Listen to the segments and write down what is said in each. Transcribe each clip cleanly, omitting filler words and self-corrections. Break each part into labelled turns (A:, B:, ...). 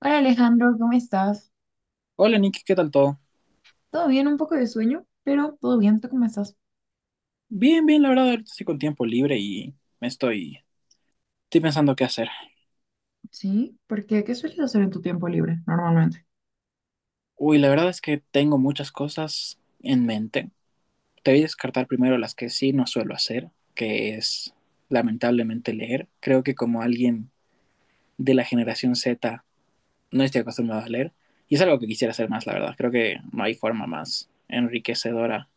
A: Hola Alejandro, ¿cómo estás?
B: Hola Nicky, ¿qué tal todo?
A: Todo bien, un poco de sueño, pero todo bien, ¿tú cómo estás?
B: Bien, bien, la verdad, ahorita estoy con tiempo libre y me estoy, estoy pensando qué hacer.
A: Sí, porque ¿qué sueles hacer en tu tiempo libre normalmente?
B: Uy, la verdad es que tengo muchas cosas en mente. Te voy a descartar primero las que sí no suelo hacer, que es lamentablemente leer. Creo que como alguien de la generación Z no estoy acostumbrado a leer y es algo que quisiera hacer más, la verdad. Creo que no hay forma más enriquecedora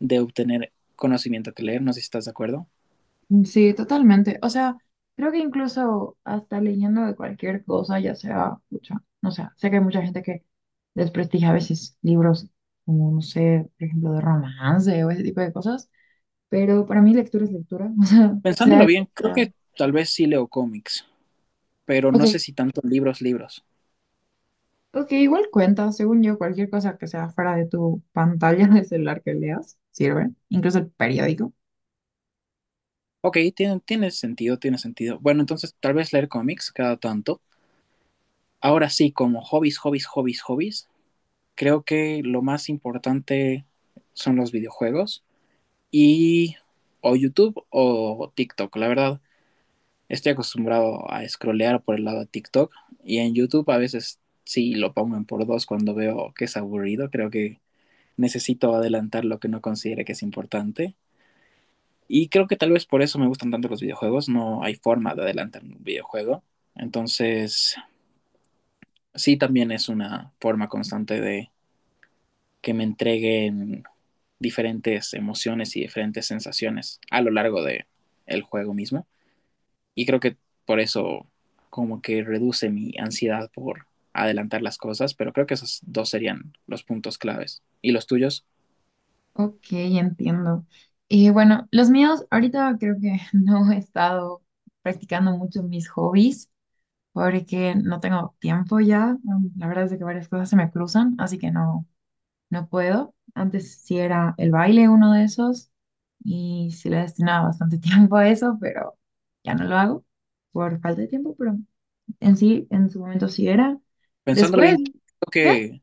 B: de obtener conocimiento que leer, no sé si estás de acuerdo.
A: Mm, sí, totalmente. O sea, creo que incluso hasta leyendo de cualquier cosa, ya sea, escucha, no sé, sé que hay mucha gente que desprestigia a veces libros como, no sé, por ejemplo, de romance o ese tipo de cosas, pero para mí lectura es lectura, o sea,
B: Pensándolo
A: lo
B: bien,
A: que
B: creo
A: sea.
B: que tal vez sí leo cómics. Pero
A: Ok,
B: no sé si tanto libros, libros.
A: ok, igual cuenta, según yo, cualquier cosa que sea fuera de tu pantalla de celular que leas, sirve, incluso el periódico.
B: Ok, tiene sentido, tiene sentido. Bueno, entonces tal vez leer cómics cada tanto. Ahora sí, como hobbies, hobbies, hobbies, hobbies, creo que lo más importante son los videojuegos y o YouTube o TikTok. La verdad, estoy acostumbrado a scrollear por el lado de TikTok y en YouTube a veces sí lo pongo en por dos cuando veo que es aburrido. Creo que necesito adelantar lo que no considere que es importante. Y creo que tal vez por eso me gustan tanto los videojuegos, no hay forma de adelantar un videojuego. Entonces, sí, también es una forma constante de que me entreguen diferentes emociones y diferentes sensaciones a lo largo de el juego mismo. Y creo que por eso como que reduce mi ansiedad por adelantar las cosas, pero creo que esos dos serían los puntos claves. ¿Y los tuyos?
A: Ok, entiendo. Y bueno, los míos, ahorita creo que no he estado practicando mucho mis hobbies porque no tengo tiempo ya. La verdad es de que varias cosas se me cruzan, así que no, no puedo. Antes sí era el baile uno de esos y sí le destinaba bastante tiempo a eso, pero ya no lo hago por falta de tiempo, pero en sí, en su momento sí era.
B: Pensándolo
A: Después,
B: bien, creo
A: ¿qué?
B: que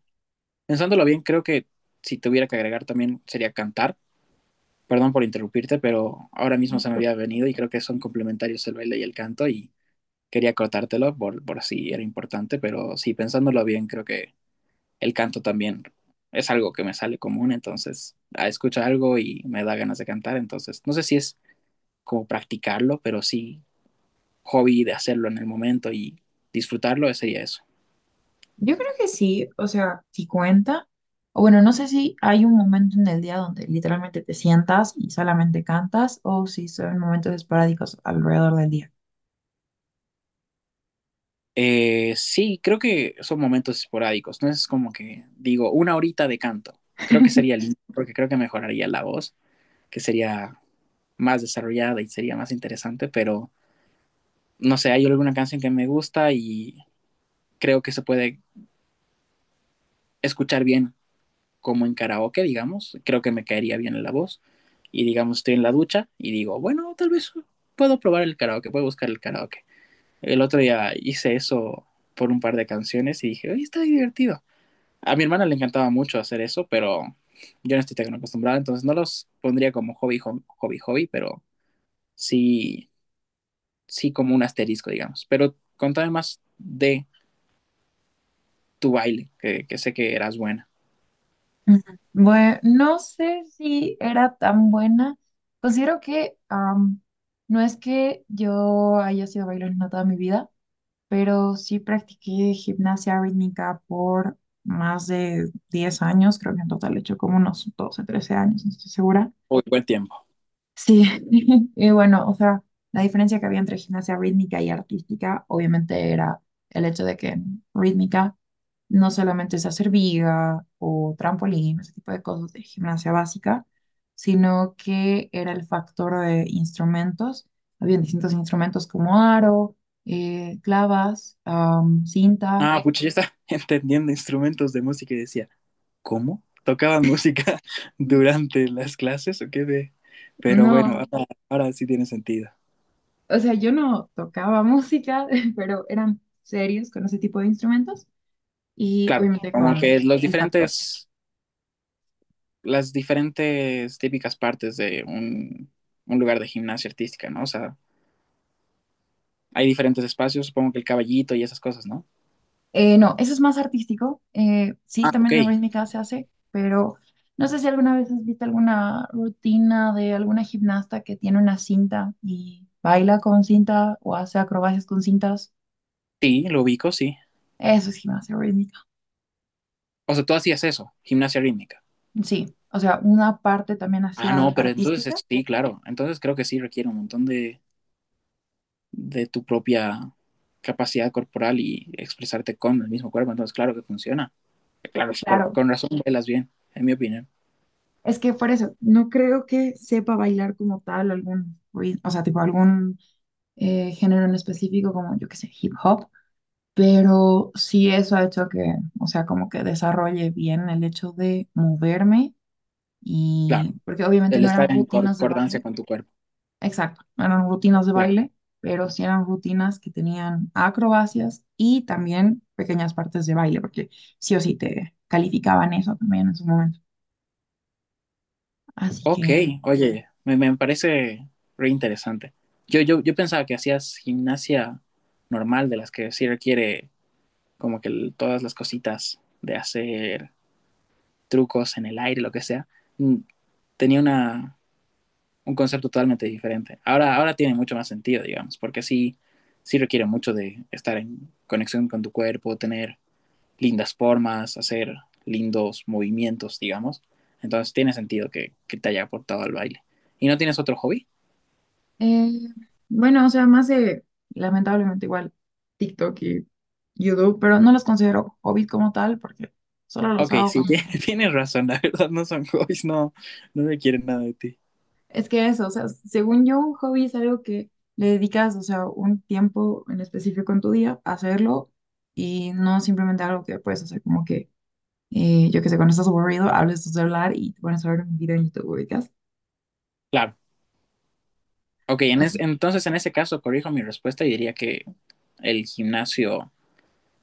B: Pensándolo bien, creo que si tuviera que agregar también sería cantar, perdón por interrumpirte, pero ahora mismo se me había venido y creo que son complementarios el baile y el canto y quería cortártelo por si era importante, pero sí, pensándolo bien, creo que el canto también es algo que me sale común, entonces escucho algo y me da ganas de cantar, entonces no sé si es como practicarlo, pero sí hobby de hacerlo en el momento y disfrutarlo sería eso.
A: Yo creo que sí, o sea, si cuenta, o bueno, no sé si hay un momento en el día donde literalmente te sientas y solamente cantas, o si son momentos esporádicos alrededor del día.
B: Sí, creo que son momentos esporádicos, no es como que digo una horita de canto, creo que sería lindo porque creo que mejoraría la voz, que sería más desarrollada y sería más interesante, pero no sé, hay alguna canción que me gusta y creo que se puede escuchar bien como en karaoke, digamos, creo que me caería bien en la voz y digamos estoy en la ducha y digo, bueno, tal vez puedo probar el karaoke, puedo buscar el karaoke. El otro día hice eso por un par de canciones y dije, oye, está divertido. A mi hermana le encantaba mucho hacer eso, pero yo no estoy tan acostumbrada, entonces no los pondría como hobby, hobby, hobby, pero sí sí como un asterisco, digamos. Pero contame más de tu baile, que sé que eras buena.
A: Ujú. Bueno, no sé si era tan buena. Considero que no es que yo haya sido bailarina toda mi vida, pero sí practiqué gimnasia rítmica por más de 10 años. Creo que en total he hecho como unos 12, 13 años, no estoy segura.
B: Uy, buen tiempo.
A: Sí, y bueno, o sea, la diferencia que había entre gimnasia rítmica y artística, obviamente era el hecho de que en rítmica no solamente es hacer viga o trampolín, ese tipo de cosas de gimnasia básica, sino que era el factor de instrumentos. Habían distintos instrumentos como aro, clavas, cinta.
B: Ah, ay, pucha, ya está entendiendo instrumentos de música y decía, ¿cómo? ¿Tocaban música durante las clases o qué de? Pero bueno,
A: No,
B: ahora sí tiene sentido.
A: o sea, yo no tocaba música, pero eran serios con ese tipo de instrumentos y
B: Claro,
A: obviamente
B: como
A: con
B: que
A: el factor.
B: las diferentes típicas partes de un lugar de gimnasia artística, ¿no? O sea, hay diferentes espacios, supongo que el caballito y esas cosas, ¿no?
A: No, eso es más artístico. Sí,
B: Ah, ok.
A: también en rítmica se hace, pero no sé si alguna vez has visto alguna rutina de alguna gimnasta que tiene una cinta y baila con cinta o hace acrobacias con cintas.
B: Sí, lo ubico, sí.
A: Eso es gimnasia rítmica.
B: O sea, tú hacías eso, gimnasia rítmica.
A: Sí, o sea, una parte también
B: Ah,
A: hacia
B: no, pero entonces
A: artística.
B: sí, claro. Entonces creo que sí requiere un montón de tu propia capacidad corporal y expresarte con el mismo cuerpo. Entonces, claro que funciona. Claro,
A: Claro,
B: con razón bailas bien, en mi opinión.
A: es que por eso no creo que sepa bailar como tal algún o sea, tipo algún género en específico como yo que sé, hip hop. Pero sí eso ha hecho que, o sea, como que desarrolle bien el hecho de moverme
B: Claro,
A: y, porque obviamente
B: el
A: no eran
B: estar en
A: rutinas de
B: concordancia
A: baile,
B: con tu cuerpo.
A: exacto, no eran rutinas de
B: Claro.
A: baile, pero sí eran rutinas que tenían acrobacias y también pequeñas partes de baile, porque sí o sí te calificaban eso también en su momento. Así
B: Ok,
A: que,
B: oye, me parece re interesante. Yo pensaba que hacías gimnasia normal, de las que sí requiere como que todas las cositas de hacer trucos en el aire, lo que sea, mm, tenía un concepto totalmente diferente. Ahora tiene mucho más sentido, digamos, porque sí, sí requiere mucho de estar en conexión con tu cuerpo, tener lindas formas, hacer lindos movimientos, digamos. Entonces tiene sentido que te haya aportado al baile. ¿Y no tienes otro hobby?
A: eh, bueno, o sea, más de, lamentablemente igual, TikTok y YouTube, pero no los considero hobbies como tal, porque solo los
B: Ok,
A: hago
B: sí,
A: cuando.
B: tienes razón, la verdad no son hobbies, no, no me quieren nada de ti.
A: Es que eso, o sea, según yo, un hobby es algo que le dedicas, o sea, un tiempo en específico en tu día a hacerlo y no simplemente algo que puedes hacer como que, yo qué sé, cuando estás aburrido, hables tu celular y te pones a ver un video en YouTube, ubicas.
B: Claro, ok,
A: Así.
B: entonces en ese caso corrijo mi respuesta y diría que el gimnasio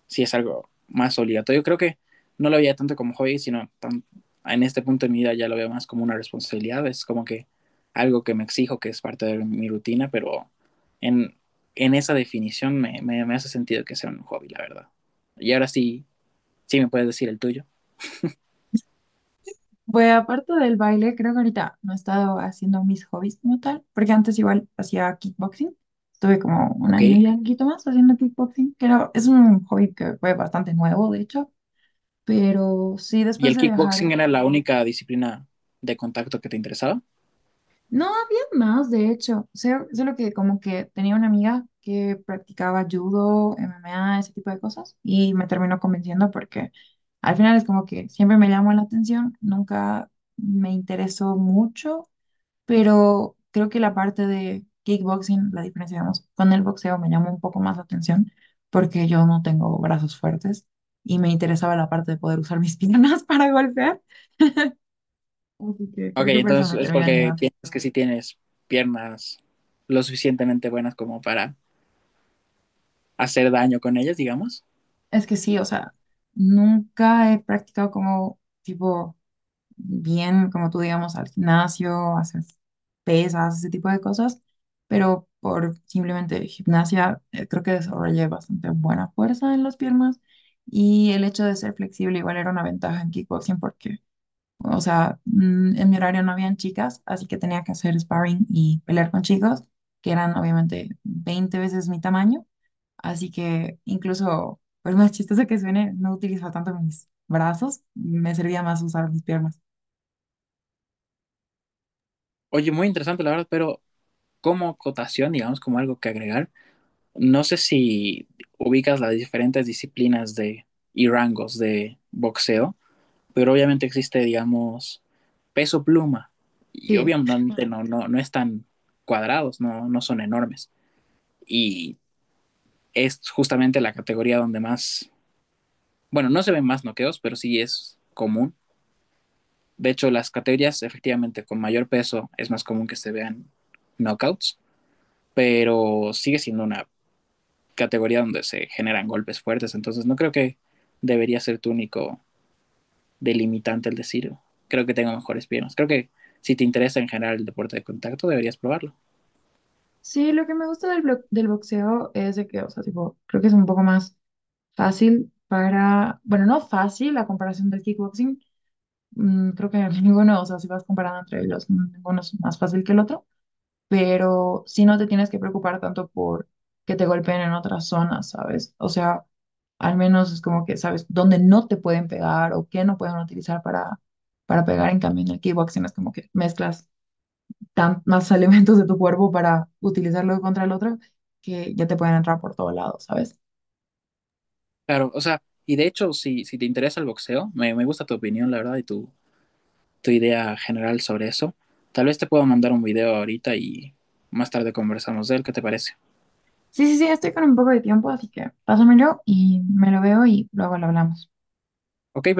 B: sí es algo más obligatorio. Creo que no lo veía tanto como hobby, sino en este punto de mi vida ya lo veo más como una responsabilidad. Es como que algo que me exijo, que es parte de mi rutina, pero en, en esa definición me hace sentido que sea un hobby, la verdad. Y ahora sí, sí me puedes decir el tuyo.
A: Pues aparte del baile, creo que ahorita no he estado haciendo mis hobbies como tal, porque antes igual hacía kickboxing. Estuve como un año ya,
B: Ok.
A: un poquito más, haciendo kickboxing, que es un hobby que fue bastante nuevo, de hecho. Pero sí,
B: ¿Y
A: después
B: el
A: de
B: kickboxing
A: dejar.
B: era la única disciplina de contacto que te interesaba?
A: No, había más, de hecho. O sea, solo que como que tenía una amiga que practicaba judo, MMA, ese tipo de cosas, y me terminó convenciendo porque al final es como que siempre me llamó la atención, nunca me interesó mucho, pero creo que la parte de kickboxing, la diferencia, digamos, con el boxeo me llamó un poco más la atención porque yo no tengo brazos fuertes y me interesaba la parte de poder usar mis piernas para golpear. Así que
B: Ok,
A: creo que por eso
B: entonces
A: me
B: es
A: termina
B: porque
A: animando.
B: piensas que sí tienes piernas lo suficientemente buenas como para hacer daño con ellas, digamos.
A: Es que sí, o sea, nunca he practicado como tipo bien, como tú digamos, al gimnasio, hacer pesas, ese tipo de cosas, pero por simplemente gimnasia creo que desarrollé bastante buena fuerza en las piernas y el hecho de ser flexible igual era una ventaja en kickboxing porque, o sea, en mi horario no habían chicas, así que tenía que hacer sparring y pelear con chicos que eran obviamente 20 veces mi tamaño. Así que incluso, por más chistoso que suene, no utilizaba tanto mis brazos, me servía más usar mis piernas.
B: Oye, muy interesante, la verdad, pero como cotación, digamos, como algo que agregar, no sé si ubicas las diferentes disciplinas de y rangos de boxeo, pero obviamente existe, digamos, peso pluma, y
A: Sí.
B: obviamente Ujú. No, no, no están cuadrados, no, no son enormes. Y es justamente la categoría donde más, bueno, no se ven más noqueos, pero sí es común. De hecho, las categorías efectivamente con mayor peso es más común que se vean knockouts, pero sigue siendo una categoría donde se generan golpes fuertes, entonces no creo que debería ser tu único delimitante el decir, creo que tengo mejores piernas. Creo que si te interesa en general el deporte de contacto, deberías probarlo.
A: Sí, lo que me gusta del boxeo es de que, o sea, tipo, creo que es un poco más fácil para, bueno, no fácil la comparación del kickboxing. Creo que ninguno, o sea, si vas comparando entre ellos, ninguno es más fácil que el otro. Pero sí no te tienes que preocupar tanto por que te golpeen en otras zonas, ¿sabes? O sea, al menos es como que sabes dónde no te pueden pegar o qué no pueden utilizar para, pegar. En cambio, en el kickboxing es como que mezclas más elementos de tu cuerpo para utilizarlo contra el otro que ya te pueden entrar por todos lados, ¿sabes?
B: Claro, o sea, y de hecho, si te interesa el boxeo, me gusta tu opinión, la verdad, y tu idea general sobre eso. Tal vez te puedo mandar un video ahorita y más tarde conversamos de él, ¿qué te parece?
A: Sí, sí, sí, estoy con un poco de tiempo, así que pásamelo y me lo veo y luego lo hablamos.
B: Ok, perfecto.